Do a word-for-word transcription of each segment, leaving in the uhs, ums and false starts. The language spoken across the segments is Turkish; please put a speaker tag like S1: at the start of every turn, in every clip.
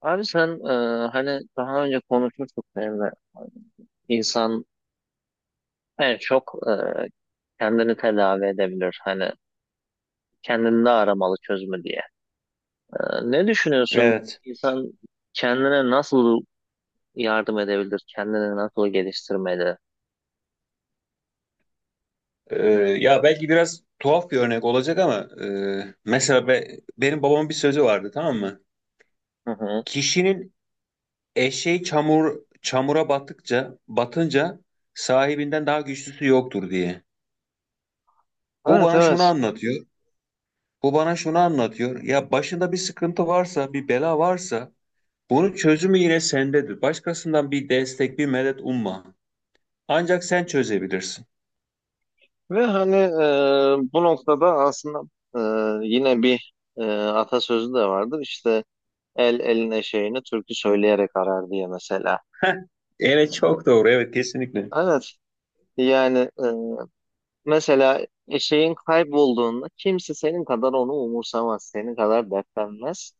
S1: Abi sen e, hani daha önce konuşmuştuk seninle. İnsan en çok e, kendini tedavi edebilir. Hani kendinde aramalı çözümü diye. E, Ne düşünüyorsun?
S2: Evet.
S1: İnsan kendine nasıl yardım edebilir? Kendini nasıl geliştirmeli?
S2: Ee, Ya belki biraz tuhaf bir örnek olacak ama e, mesela be- benim babamın bir sözü vardı, tamam mı?
S1: Hı hı.
S2: Kişinin eşeği çamur çamura battıkça batınca sahibinden daha güçlüsü yoktur diye. Bu
S1: Evet,
S2: bana şunu
S1: evet,
S2: anlatıyor. Bu bana şunu anlatıyor. Ya başında bir sıkıntı varsa, bir bela varsa bunun çözümü yine sendedir. Başkasından bir destek, bir medet umma. Ancak sen çözebilirsin.
S1: ve hani e, bu noktada aslında e, yine bir e, atasözü de vardır işte, el eline şeyini türkü söyleyerek arar diye mesela.
S2: Heh, evet çok doğru. Evet kesinlikle.
S1: Evet, yani mesela e, şeyin kaybolduğunda kimse senin kadar onu umursamaz, senin kadar dertlenmez,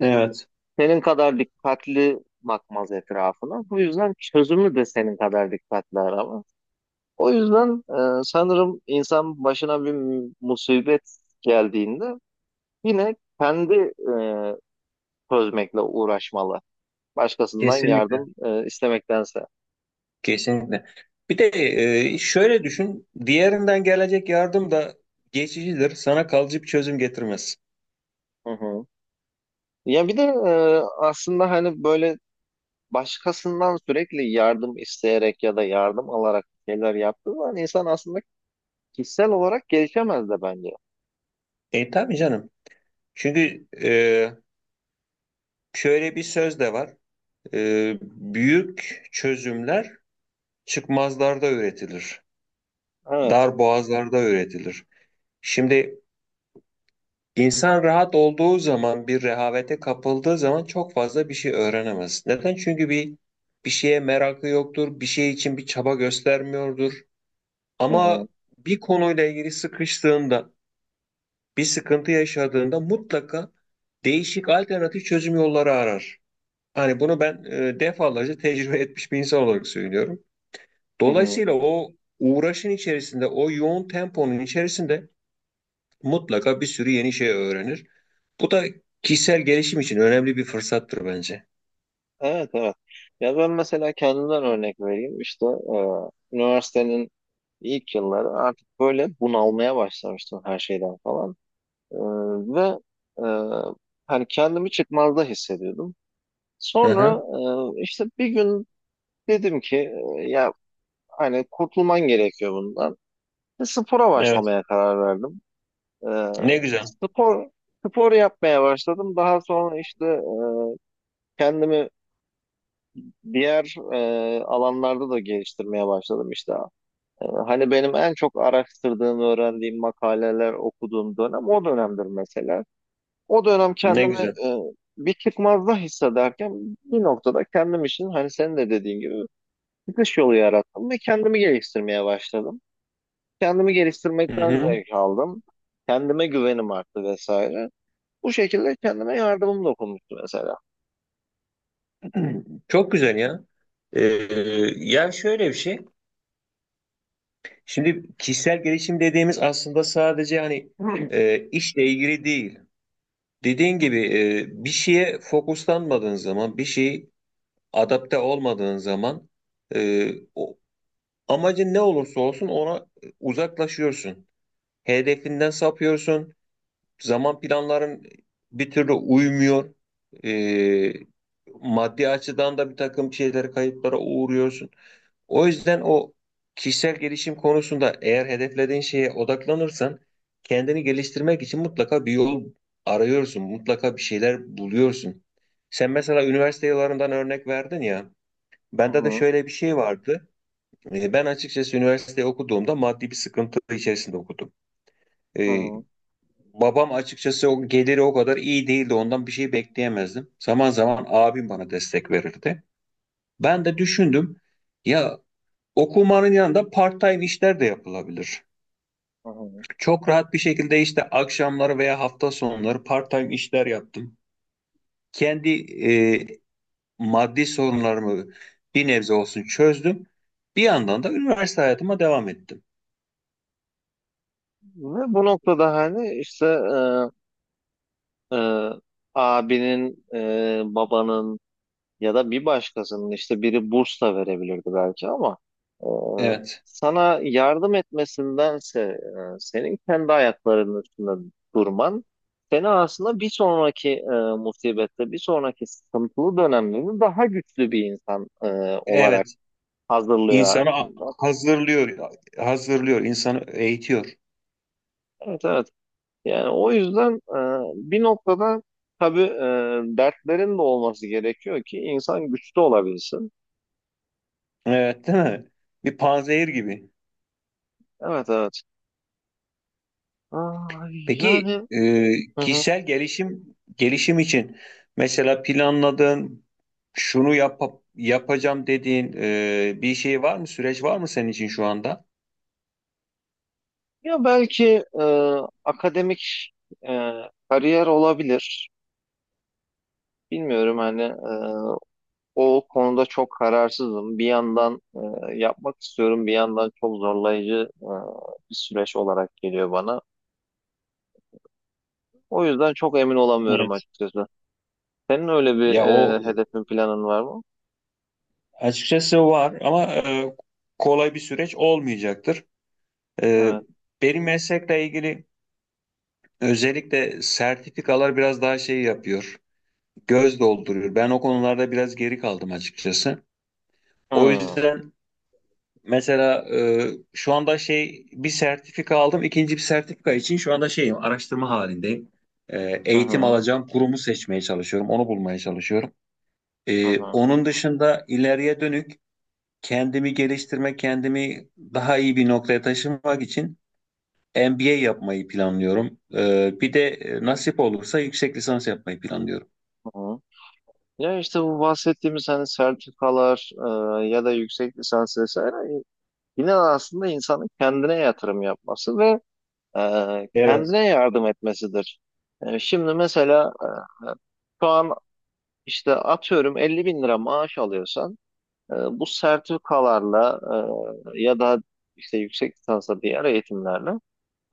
S2: Evet.
S1: senin kadar dikkatli bakmaz etrafına. Bu yüzden çözümü de senin kadar dikkatli aramaz. O yüzden e, sanırım insan başına bir musibet geldiğinde yine kendi e, çözmekle uğraşmalı. Başkasından
S2: Kesinlikle.
S1: yardım e, istemektense.
S2: Kesinlikle. Bir de e, şöyle düşün, diğerinden gelecek yardım da geçicidir, sana kalıcı bir çözüm getirmez.
S1: Hı hı. Ya bir de e, aslında hani böyle başkasından sürekli yardım isteyerek ya da yardım alarak bir şeyler yaptığı zaman insan aslında kişisel olarak gelişemez de bence.
S2: E tabii canım. Çünkü e, şöyle bir söz de var. E, büyük çözümler çıkmazlarda üretilir,
S1: Evet.
S2: dar boğazlarda üretilir. Şimdi insan rahat olduğu zaman, bir rehavete kapıldığı zaman çok fazla bir şey öğrenemez. Neden? Çünkü bir bir şeye merakı yoktur, bir şey için bir çaba göstermiyordur.
S1: Hı hı.
S2: Ama bir konuyla ilgili sıkıştığında, bir sıkıntı yaşadığında mutlaka değişik alternatif çözüm yolları arar. Hani bunu ben e, defalarca tecrübe etmiş bir insan olarak söylüyorum.
S1: Hı hı.
S2: Dolayısıyla o uğraşın içerisinde, o yoğun temponun içerisinde mutlaka bir sürü yeni şey öğrenir. Bu da kişisel gelişim için önemli bir fırsattır bence.
S1: Evet, evet. Ya ben mesela kendimden örnek vereyim. İşte e, üniversitenin ilk yılları artık böyle bunalmaya başlamıştım her şeyden falan. E, ve e, hani kendimi çıkmazda hissediyordum.
S2: Hı
S1: Sonra
S2: hı.
S1: e, işte bir gün dedim ki e, ya hani kurtulman gerekiyor bundan. Ve spora
S2: Evet.
S1: başlamaya karar verdim. Ee,
S2: Ne güzel.
S1: spor spor yapmaya başladım. Daha sonra işte kendimi diğer e, alanlarda da geliştirmeye başladım işte. Ee, hani benim en çok araştırdığım, öğrendiğim, makaleler okuduğum dönem o dönemdir mesela. O dönem
S2: Ne
S1: kendimi
S2: güzel.
S1: e, bir çıkmazda hissederken bir noktada kendim için hani senin de dediğin gibi çıkış yolu yarattım ve kendimi geliştirmeye başladım. Kendimi
S2: Hı
S1: geliştirmekten
S2: hı.
S1: zevk aldım. Kendime güvenim arttı vesaire. Bu şekilde kendime yardımım dokunmuştu mesela.
S2: Çok güzel ya. Ee, Yani şöyle bir şey. Şimdi kişisel gelişim dediğimiz aslında sadece hani e, işle ilgili değil. Dediğin gibi e, bir şeye fokuslanmadığın zaman, bir şeyi adapte olmadığın zaman e, o, amacın ne olursa olsun ona uzaklaşıyorsun. Hedefinden sapıyorsun. Zaman planların bir türlü uymuyor. Ee, Maddi açıdan da bir takım şeyler kayıplara uğruyorsun. O yüzden o kişisel gelişim konusunda eğer hedeflediğin şeye odaklanırsan kendini geliştirmek için mutlaka bir yol arıyorsun. Mutlaka bir şeyler buluyorsun. Sen mesela üniversite yıllarından örnek verdin ya.
S1: Hı
S2: Bende de
S1: hı,
S2: şöyle bir şey vardı. Ee, Ben açıkçası üniversite okuduğumda maddi bir sıkıntı içerisinde okudum.
S1: hı
S2: Ee,
S1: hı,
S2: Babam açıkçası o geliri o kadar iyi değildi. Ondan bir şey bekleyemezdim. Zaman zaman
S1: hı hı,
S2: abim bana destek verirdi. Ben de düşündüm. Ya okumanın yanında part-time işler de yapılabilir.
S1: hı hı.
S2: Çok rahat bir şekilde işte akşamları veya hafta sonları part-time işler yaptım. Kendi e, maddi sorunlarımı bir nebze olsun çözdüm. Bir yandan da üniversite hayatıma devam ettim.
S1: Ve bu noktada hani işte e, e, abinin, e, babanın, ya da bir başkasının işte, biri burs da verebilirdi belki, ama e,
S2: Evet.
S1: sana yardım etmesindense e, senin kendi ayaklarının üstünde durman seni aslında bir sonraki e, musibette, bir sonraki sıkıntılı dönemlerini daha güçlü bir insan e, olarak
S2: Evet.
S1: hazırlıyor
S2: İnsanı
S1: aslında.
S2: hazırlıyor, hazırlıyor, insanı eğitiyor.
S1: Evet, evet. Yani o yüzden e, bir noktada tabii e, dertlerin de olması gerekiyor ki insan güçlü olabilsin.
S2: Evet, değil mi? Bir panzehir gibi.
S1: Evet, evet. Ay,
S2: Peki
S1: yani...
S2: e,
S1: Hı hı.
S2: kişisel gelişim gelişim için mesela planladığın şunu yap yapacağım dediğin e, bir şey var mı? Süreç var mı senin için şu anda?
S1: Ya belki e, akademik e, kariyer olabilir. Bilmiyorum, hani e, o konuda çok kararsızım. Bir yandan e, yapmak istiyorum, bir yandan çok zorlayıcı e, bir süreç olarak geliyor bana. O yüzden çok emin olamıyorum
S2: Evet.
S1: açıkçası. Senin öyle bir
S2: Ya o
S1: e, hedefin, planın var mı?
S2: açıkçası var ama e, kolay bir süreç olmayacaktır. E,
S1: Evet.
S2: benim meslekle ilgili özellikle sertifikalar biraz daha şey yapıyor, göz dolduruyor. Ben o konularda biraz geri kaldım açıkçası. O
S1: Hmm.
S2: yüzden mesela e, şu anda şey bir sertifika aldım. İkinci bir sertifika için şu anda şeyim araştırma halindeyim. E,
S1: Hı
S2: eğitim
S1: hı,
S2: alacağım kurumu seçmeye çalışıyorum. Onu bulmaya çalışıyorum.
S1: hı
S2: E,
S1: hı,
S2: onun dışında ileriye dönük kendimi geliştirmek, kendimi daha iyi bir noktaya taşımak için M B A yapmayı planlıyorum. E, bir de e, nasip olursa yüksek lisans yapmayı planlıyorum.
S1: hı hı. Ya işte bu bahsettiğimiz hani sertifikalar, e, ya da yüksek lisans vesaire, yine aslında insanın kendine yatırım yapması ve e,
S2: Evet.
S1: kendine yardım etmesidir. E, şimdi mesela e, şu an işte atıyorum elli bin lira maaş alıyorsan, e, bu sertifikalarla e, ya da işte yüksek lisansa diğer eğitimlerle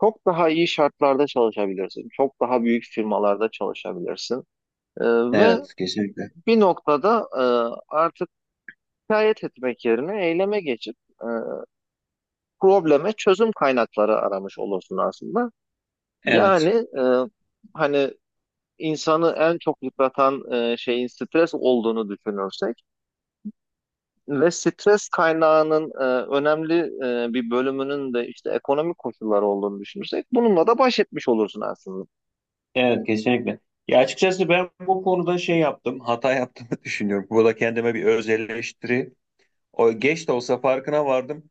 S1: çok daha iyi şartlarda çalışabilirsin. Çok daha büyük firmalarda çalışabilirsin. E, ve
S2: Evet, kesinlikle.
S1: bir noktada e, artık şikayet etmek yerine eyleme geçip e, probleme çözüm kaynakları aramış olursun aslında. Yani
S2: Evet.
S1: e, hani insanı en çok yıpratan e, şeyin stres olduğunu düşünürsek ve stres kaynağının e, önemli e, bir bölümünün de işte ekonomik koşullar olduğunu düşünürsek bununla da baş etmiş olursun aslında.
S2: Evet kesinlikle. Ya açıkçası ben bu konuda şey yaptım, hata yaptığımı düşünüyorum. Burada kendime bir öz eleştiri. O geç de olsa farkına vardım.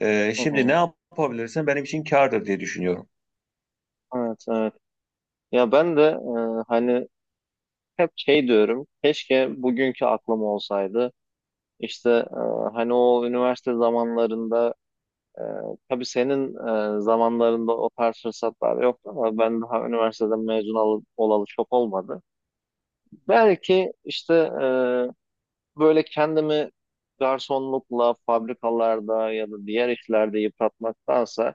S2: Ee,
S1: Hı
S2: şimdi ne
S1: hı.
S2: yapabilirsem benim için kârdır diye düşünüyorum.
S1: Evet, evet. Ya ben de e, hani hep şey diyorum, keşke bugünkü aklım olsaydı. İşte e, hani o üniversite zamanlarında. Ee, tabii senin e, zamanlarında o tarz fırsatlar yoktu, ama ben daha üniversiteden mezun ol- olalı çok olmadı. Belki işte e, böyle kendimi garsonlukla, fabrikalarda ya da diğer işlerde yıpratmaktansa,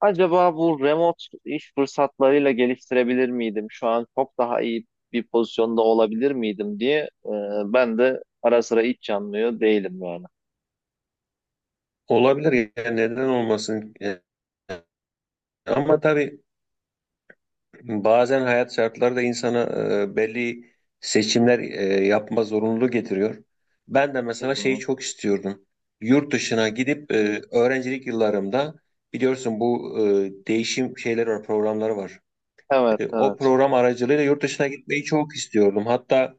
S1: acaba bu remote iş fırsatlarıyla geliştirebilir miydim? Şu an çok daha iyi bir pozisyonda olabilir miydim diye e, ben de ara sıra iç yanmıyor değilim yani.
S2: Olabilir, yani neden olmasın? Ee, ama tabii bazen hayat şartları da insana e, belli seçimler e, yapma zorunluluğu getiriyor. Ben de
S1: Hı
S2: mesela şeyi
S1: hı.
S2: çok istiyordum. Yurt dışına gidip e, öğrencilik yıllarımda biliyorsun bu e, değişim şeyleri var, programları var.
S1: Evet,
S2: E, o
S1: evet.
S2: program aracılığıyla yurt dışına gitmeyi çok istiyordum. Hatta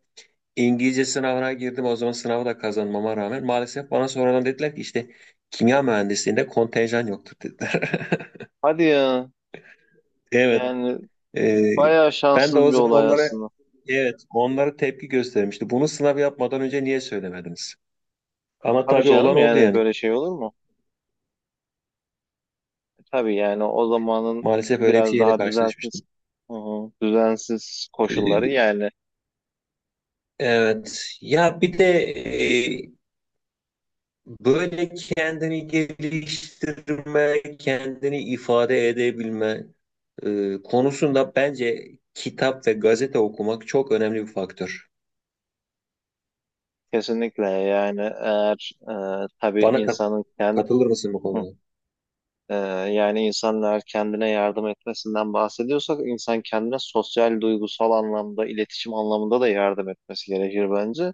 S2: İngilizce sınavına girdim. O zaman sınavı da kazanmama rağmen maalesef bana sonradan dediler ki işte kimya mühendisliğinde kontenjan yoktur dediler.
S1: Hadi ya.
S2: Evet.
S1: Yani
S2: E,
S1: bayağı
S2: Ben de
S1: şanssız
S2: o
S1: bir
S2: zaman
S1: olay
S2: onlara,
S1: aslında.
S2: evet, onlara tepki göstermişti. Bunu sınav yapmadan önce niye söylemediniz? Ama
S1: Tabii
S2: tabii
S1: canım,
S2: olan oldu
S1: yani
S2: yani.
S1: böyle şey olur mu? E, Tabii, yani o zamanın
S2: Maalesef öyle bir
S1: biraz
S2: şeyle
S1: daha düzensiz,
S2: karşılaşmıştım.
S1: hı hı, düzensiz koşulları
S2: Ee,
S1: yani.
S2: Evet. Ya bir de e, böyle kendini geliştirme, kendini ifade edebilme e, konusunda bence kitap ve gazete okumak çok önemli bir faktör.
S1: Kesinlikle, yani eğer e, tabii
S2: Bana kat-
S1: insanın kend,
S2: katılır mısın bu
S1: hı,
S2: konuda?
S1: e, yani insanlar kendine yardım etmesinden bahsediyorsak, insan kendine sosyal, duygusal anlamda, iletişim anlamında da yardım etmesi gerekir bence.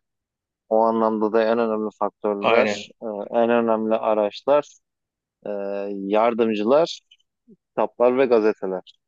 S1: O anlamda da en önemli faktörler,
S2: Aynen.
S1: e, en önemli araçlar, e, yardımcılar, kitaplar ve gazeteler.